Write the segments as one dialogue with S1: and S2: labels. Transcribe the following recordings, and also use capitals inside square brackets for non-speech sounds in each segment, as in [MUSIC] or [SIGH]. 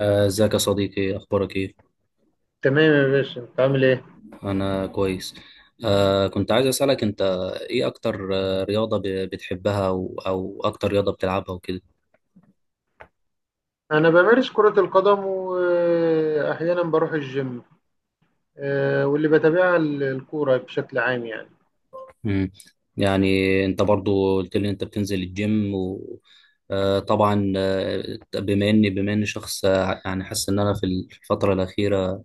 S1: ازيك يا صديقي؟ اخبارك ايه؟
S2: تمام يا باشا، انت عامل ايه؟
S1: انا كويس. كنت عايز اسالك انت ايه اكتر رياضه بتحبها او اكتر رياضه بتلعبها وكده.
S2: انا بمارس كرة القدم، واحيانا بروح الجيم. واللي بتابعها الكورة بشكل عام يعني.
S1: امم. يعني انت برضو قلت لي انت بتنزل الجيم. و آه طبعا، بما اني بما اني شخص، يعني حاسس ان انا في الفتره الاخيره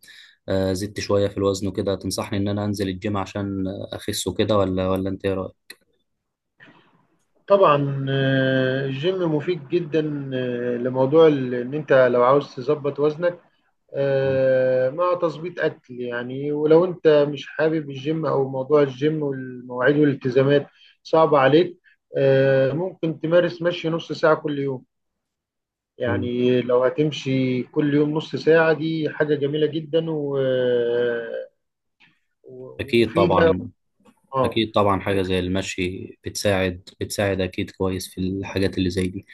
S1: زدت شويه في الوزن وكده. تنصحني ان انا انزل الجيم عشان اخس وكده؟ ولا انت ايه رايك؟
S2: طبعا، الجيم مفيد جدا لموضوع ان انت لو عاوز تظبط وزنك، مع تظبيط اكل يعني. ولو انت مش حابب الجيم او موضوع الجيم والمواعيد والالتزامات صعبة عليك، ممكن تمارس مشي نص ساعة كل يوم.
S1: مم.
S2: يعني لو هتمشي كل يوم نص ساعة، دي حاجة جميلة جدا
S1: اكيد
S2: ومفيدة.
S1: طبعا.
S2: اه.
S1: أكيد طبعا، حاجة زي المشي بتساعد أكيد كويس في الحاجات اللي زي دي.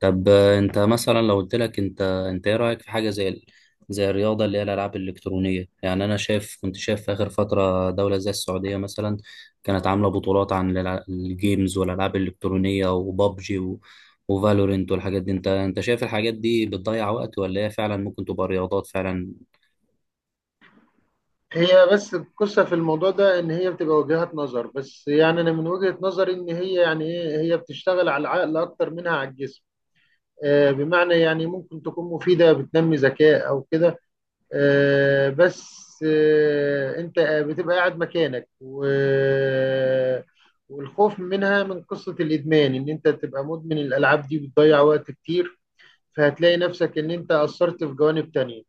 S1: طب أنت مثلا لو قلت لك أنت إيه رأيك في حاجة زي زي الرياضة اللي هي الألعاب الإلكترونية؟ يعني أنا شايف، كنت شايف في آخر فترة دولة زي السعودية مثلا كانت عاملة بطولات عن الجيمز والألعاب الإلكترونية وبابجي وفالورنت والحاجات دي. أنت شايف الحاجات دي بتضيع وقت، ولا هي فعلا ممكن تبقى رياضات فعلا؟
S2: هي بس القصة في الموضوع ده إن هي بتبقى وجهات نظر. بس يعني أنا من وجهة نظري، إن هي يعني إيه، هي بتشتغل على العقل أكتر منها على الجسم. بمعنى يعني ممكن تكون مفيدة، بتنمي ذكاء أو كده. آه، بس آه، انت بتبقى قاعد مكانك، والخوف منها من قصة الإدمان، إن أنت تبقى مدمن. الألعاب دي بتضيع وقت كتير، فهتلاقي نفسك إن أنت أثرت في جوانب تانية.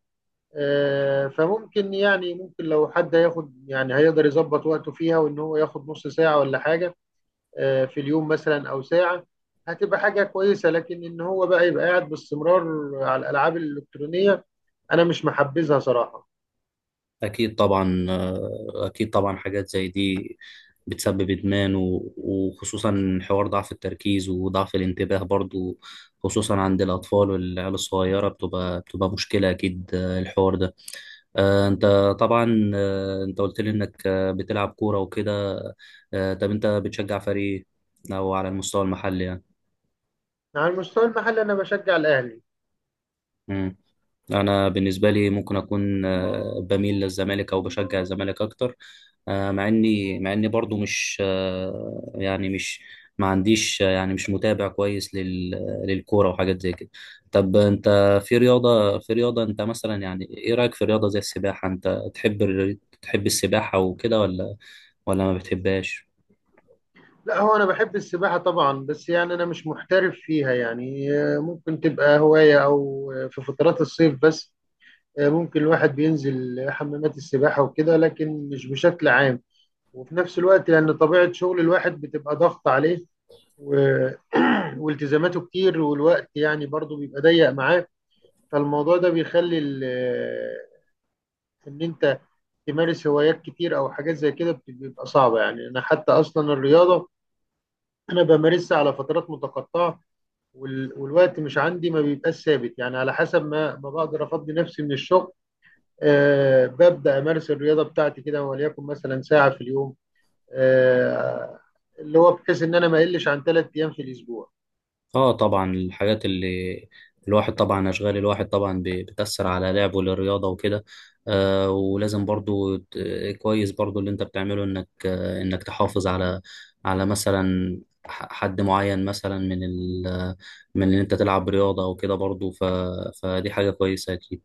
S2: فممكن يعني، ممكن لو حد هياخد، يعني هيقدر يظبط وقته فيها، وإن هو ياخد نص ساعة ولا حاجة في اليوم مثلا أو ساعة، هتبقى حاجة كويسة. لكن إن هو بقى يبقى قاعد باستمرار على الألعاب الإلكترونية، أنا مش محبذها صراحة.
S1: أكيد طبعا، أكيد طبعا حاجات زي دي بتسبب إدمان، وخصوصا حوار ضعف التركيز وضعف الانتباه برضو، خصوصا عند الأطفال والعيال الصغيرة. بتبقى مشكلة أكيد الحوار ده. أنت طبعا، أنت قلت لي إنك بتلعب كورة وكده. طب أنت بتشجع فريق إيه؟ أو على المستوى المحلي؟
S2: على المستوى المحلي، انا بشجع الاهلي.
S1: يعني انا بالنسبه لي ممكن اكون، بميل للزمالك او بشجع الزمالك اكتر. مع اني مع اني برضو مش، يعني مش، ما عنديش، يعني مش متابع كويس للكوره وحاجات زي كده. طب انت، في رياضه انت مثلا يعني ايه رايك في رياضه زي السباحه؟ انت تحب تحب السباحه وكده ولا ما بتحبهاش؟
S2: لا، هو انا بحب السباحه طبعا، بس يعني انا مش محترف فيها. يعني ممكن تبقى هوايه، او في فترات الصيف بس. ممكن الواحد بينزل حمامات السباحه وكده، لكن مش بشكل عام. وفي نفس الوقت، لان طبيعه شغل الواحد بتبقى ضغط عليه و... [CLEARS THROAT] والتزاماته كتير، والوقت يعني برضو بيبقى ضيق معاه. فالموضوع ده بيخلي [CLEARS THROAT] ان انت تمارس هوايات كتير او حاجات زي كده بيبقى صعبة. يعني انا حتى اصلا الرياضة، انا بمارسها على فترات متقطعه، والوقت مش عندي، ما بيبقاش ثابت. يعني على حسب ما بقدر افضي نفسي من الشغل، أه ببدا امارس الرياضه بتاعتي كده، وليكن مثلا ساعه في اليوم. أه، اللي هو بحيث ان انا ما اقلش عن ثلاث ايام في الاسبوع.
S1: اه طبعا، الحاجات اللي، الواحد طبعا اشغال الواحد طبعا بتأثر على لعبه للرياضة وكده. ولازم برضو كويس برضو اللي انت بتعمله انك، انك تحافظ على، على مثلا حد معين مثلا من ال، من ان انت تلعب رياضة او كده برضو. فدي حاجة كويسة اكيد.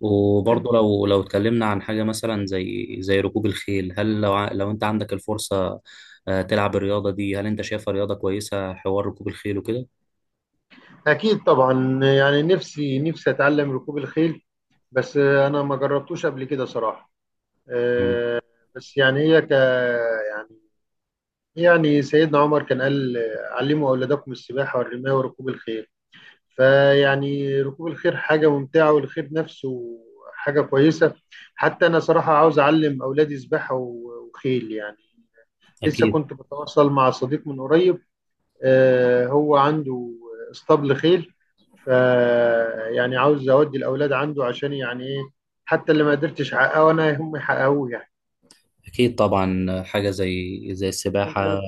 S1: وبرضو لو اتكلمنا عن حاجة مثلا زي زي ركوب الخيل، هل لو لو انت عندك الفرصة، تلعب الرياضة دي، هل انت شايفها رياضة كويسة حوار ركوب الخيل وكده؟
S2: اكيد طبعا. يعني نفسي اتعلم ركوب الخيل، بس انا ما جربتوش قبل كده صراحه.
S1: مم.
S2: أه. بس يعني هي ك يعني يعني سيدنا عمر كان قال، علموا اولادكم السباحه والرمايه وركوب الخيل. فيعني ركوب الخيل حاجة ممتعة، والخيل نفسه حاجة كويسة. حتى أنا صراحة عاوز أعلم أولادي سباحة وخيل يعني. لسه
S1: أكيد.
S2: كنت بتواصل مع صديق من قريب، هو عنده اسطبل خيل، ف يعني عاوز أودي الأولاد عنده، عشان يعني إيه، حتى اللي ما قدرتش أحققه أنا، هم يحققوه يعني.
S1: أكيد طبعا، حاجة زي زي
S2: أنت
S1: السباحة
S2: بت-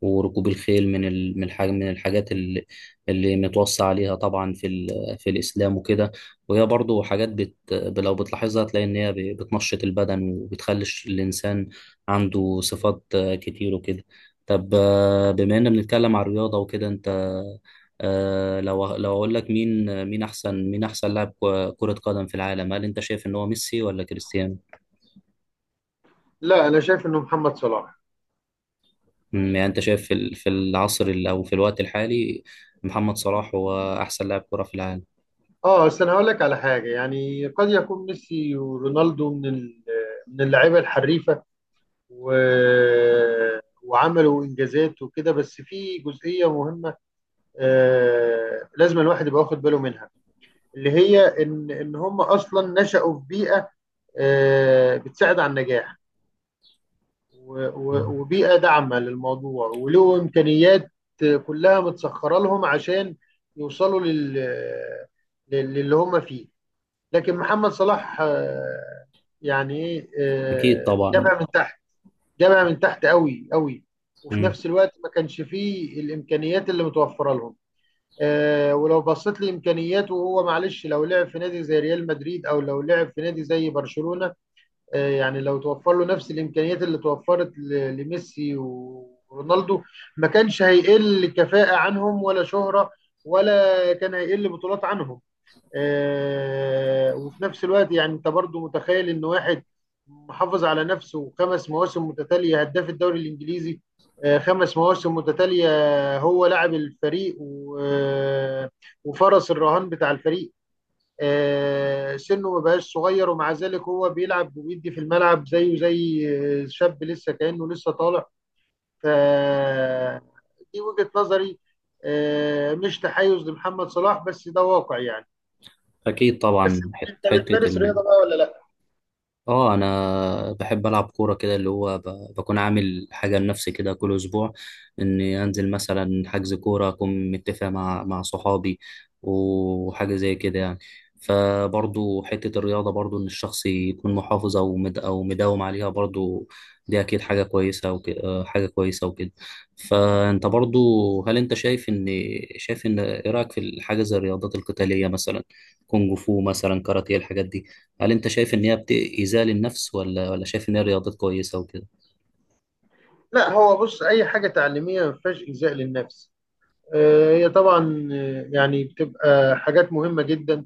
S1: وركوب الخيل من من من الحاجات اللي، اللي متوصى عليها طبعا في في الإسلام وكده. وهي برضو حاجات بت، لو بتلاحظها تلاقي إن هي بتنشط البدن وبتخلي الإنسان عنده صفات كتير وكده. طب بما إننا بنتكلم عن الرياضة وكده، أنت لو أقول لك مين، مين أحسن لاعب كرة قدم في العالم، هل أنت شايف إن هو ميسي ولا كريستيانو؟
S2: لا، أنا شايف إنه محمد صلاح.
S1: مم، يعني انت شايف في في العصر او في الوقت الحالي محمد صلاح هو احسن لاعب كرة في العالم.
S2: اه، بس انا هقول لك على حاجه، يعني قد يكون ميسي ورونالدو من من اللعيبه الحريفه، و... وعملوا انجازات وكده. بس في جزئيه مهمه لازم الواحد يبقى واخد باله منها، اللي هي ان هم اصلا نشأوا في بيئه بتساعد على النجاح،
S1: مم.
S2: وبيئه داعمه للموضوع، وله امكانيات كلها متسخره لهم عشان يوصلوا للي هم فيه. لكن محمد صلاح، آه، يعني ايه
S1: اكيد
S2: آه،
S1: طبعا.
S2: جابها من تحت، جامع من تحت قوي قوي. وفي
S1: مم.
S2: نفس الوقت ما كانش فيه الامكانيات اللي متوفره لهم. ولو بصيت لامكانياته، وهو معلش لو لعب في نادي زي ريال مدريد او لو لعب في نادي زي برشلونه، يعني لو توفر له نفس الامكانيات اللي توفرت لميسي ورونالدو، ما كانش هيقل كفاءه عنهم ولا شهره، ولا كان هيقل بطولات عنهم. وفي نفس الوقت، يعني انت برضو متخيل ان واحد محافظ على نفسه خمس مواسم متتاليه هداف الدوري الانجليزي؟ خمس مواسم متتاليه، هو لاعب الفريق وفرس الرهان بتاع الفريق. سنه ما بقاش صغير، ومع ذلك هو بيلعب وبيدي في الملعب زيه زي شاب لسه، كانه لسه طالع. ف دي وجهه نظري، مش تحيز لمحمد صلاح، بس ده واقع يعني.
S1: اكيد
S2: بس
S1: طبعا
S2: انت
S1: حتة
S2: بتمارس رياضه بقى ولا لا؟
S1: اه انا بحب العب كوره كده اللي هو بكون عامل حاجه لنفسي كده كل اسبوع، اني انزل مثلا حجز كوره اكون متفق مع صحابي وحاجه زي كده يعني. فبرضو حته الرياضه برضو ان الشخص يكون محافظ، او مد، او مداوم عليها برضو، دي اكيد حاجه كويسه وكده، حاجه كويسه وكده. فانت برضو هل انت شايف ان، شايف ان ايه رايك في الحاجه زي الرياضات القتاليه مثلا؟ كونج فو مثلا، كاراتيه، الحاجات دي، هل انت شايف ان هي ايذاء للنفس، ولا شايف ان هي رياضات كويسه وكده؟
S2: لا، هو بص، اي حاجه تعليميه ما فيهاش ايذاء للنفس. هي طبعا يعني بتبقى حاجات مهمه جدا،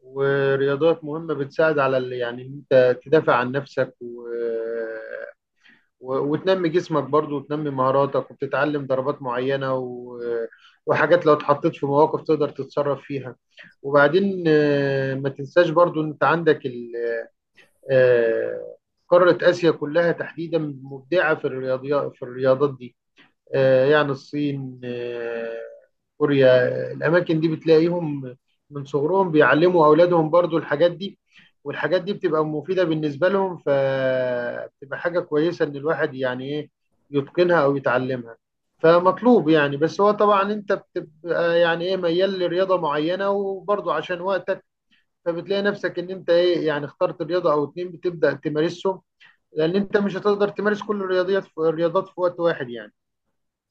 S2: ورياضات مهمه بتساعد على يعني ان انت تدافع عن نفسك وتنمي جسمك برضو، وتنمي مهاراتك، وبتتعلم ضربات معينة وحاجات لو اتحطيت في مواقف تقدر تتصرف فيها. وبعدين ما تنساش برضو ان انت عندك آه، قارة آسيا كلها تحديدا مبدعة في الرياضيات في الرياضات دي. يعني الصين، كوريا، الأماكن دي بتلاقيهم من صغرهم بيعلموا أولادهم برضو الحاجات دي. والحاجات دي بتبقى مفيدة بالنسبة لهم، فبتبقى حاجة كويسة إن الواحد يعني إيه يتقنها أو يتعلمها. فمطلوب يعني. بس هو طبعا، أنت بتبقى يعني إيه ميال لرياضة معينة، وبرضو عشان وقتك، فبتلاقي نفسك ان انت ايه، يعني اخترت رياضه او اتنين بتبدا تمارسهم، لان انت مش هتقدر تمارس كل الرياضيات في الرياضات في وقت واحد يعني.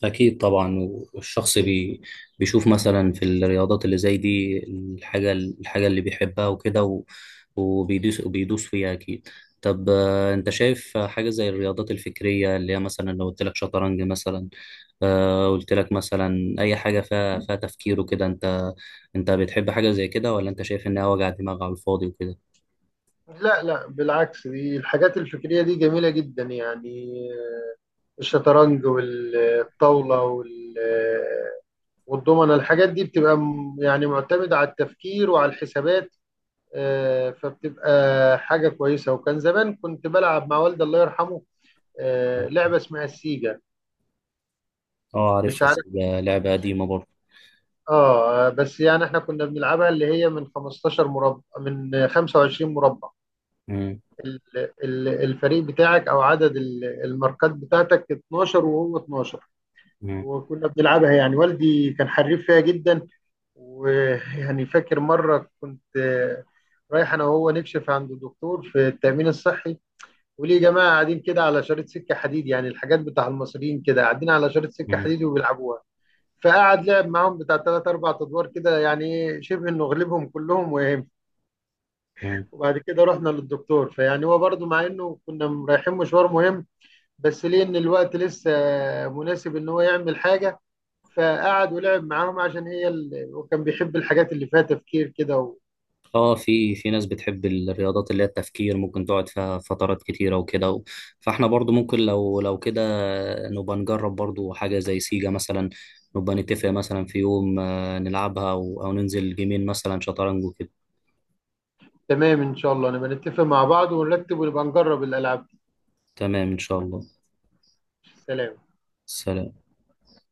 S1: اكيد طبعا. والشخص بي، بيشوف مثلا في الرياضات اللي زي دي الحاجه، اللي بيحبها وكده، وبيدوس فيها اكيد. طب انت شايف حاجه زي الرياضات الفكريه اللي هي مثلا لو قلت لك شطرنج مثلا، قلت لك مثلا اي حاجه فيها تفكير وكده؟ انت بتحب حاجه زي كده، ولا انت شايف انها وجع دماغ على الفاضي وكده؟
S2: لا بالعكس، دي الحاجات الفكريه دي جميله جدا يعني. الشطرنج والطاوله والضمنه، الحاجات دي بتبقى يعني معتمده على التفكير وعلى الحسابات. فبتبقى حاجه كويسه. وكان زمان كنت بلعب مع والدي الله يرحمه لعبه اسمها السيجا.
S1: اه عارف،
S2: مش عارف.
S1: لعبه
S2: مش
S1: قديمه برضه.
S2: اه، بس يعني احنا كنا بنلعبها، اللي هي من 15 مربع من 25 مربع. الفريق بتاعك او عدد الماركات بتاعتك 12 وهو 12.
S1: مم.
S2: وكنا بنلعبها، يعني والدي كان حريف فيها جدا. ويعني فاكر مرة كنت رايح انا وهو نكشف عند الدكتور في التأمين الصحي، وليه جماعة قاعدين كده على شريط سكة حديد. يعني الحاجات بتاع المصريين كده، قاعدين على شريط سكة
S1: مم.
S2: حديد وبيلعبوها. فقعد لعب معاهم بتاع تلات أربع أدوار كده، يعني إيه، شبه إنه غلبهم كلهم وهم.
S1: مم.
S2: وبعد كده رحنا للدكتور، فيعني هو برضه مع إنه كنا رايحين مشوار مهم، بس ليه إن الوقت لسه مناسب إن هو يعمل حاجة. فقعد ولعب معاهم، عشان هي وكان بيحب الحاجات اللي فيها تفكير كده
S1: اه في ناس بتحب الرياضات اللي هي التفكير ممكن تقعد فيها فترات كتيرة وكده فاحنا برضو ممكن لو كده نبقى نجرب برضو حاجة زي سيجا مثلا، نبقى نتفق مثلا في يوم، نلعبها أو ننزل جيمين مثلا شطرنج وكده.
S2: تمام، إن شاء الله نبقى نتفق مع بعض ونرتب ونبقى نجرب الألعاب دي.
S1: تمام إن شاء الله.
S2: سلام.
S1: سلام.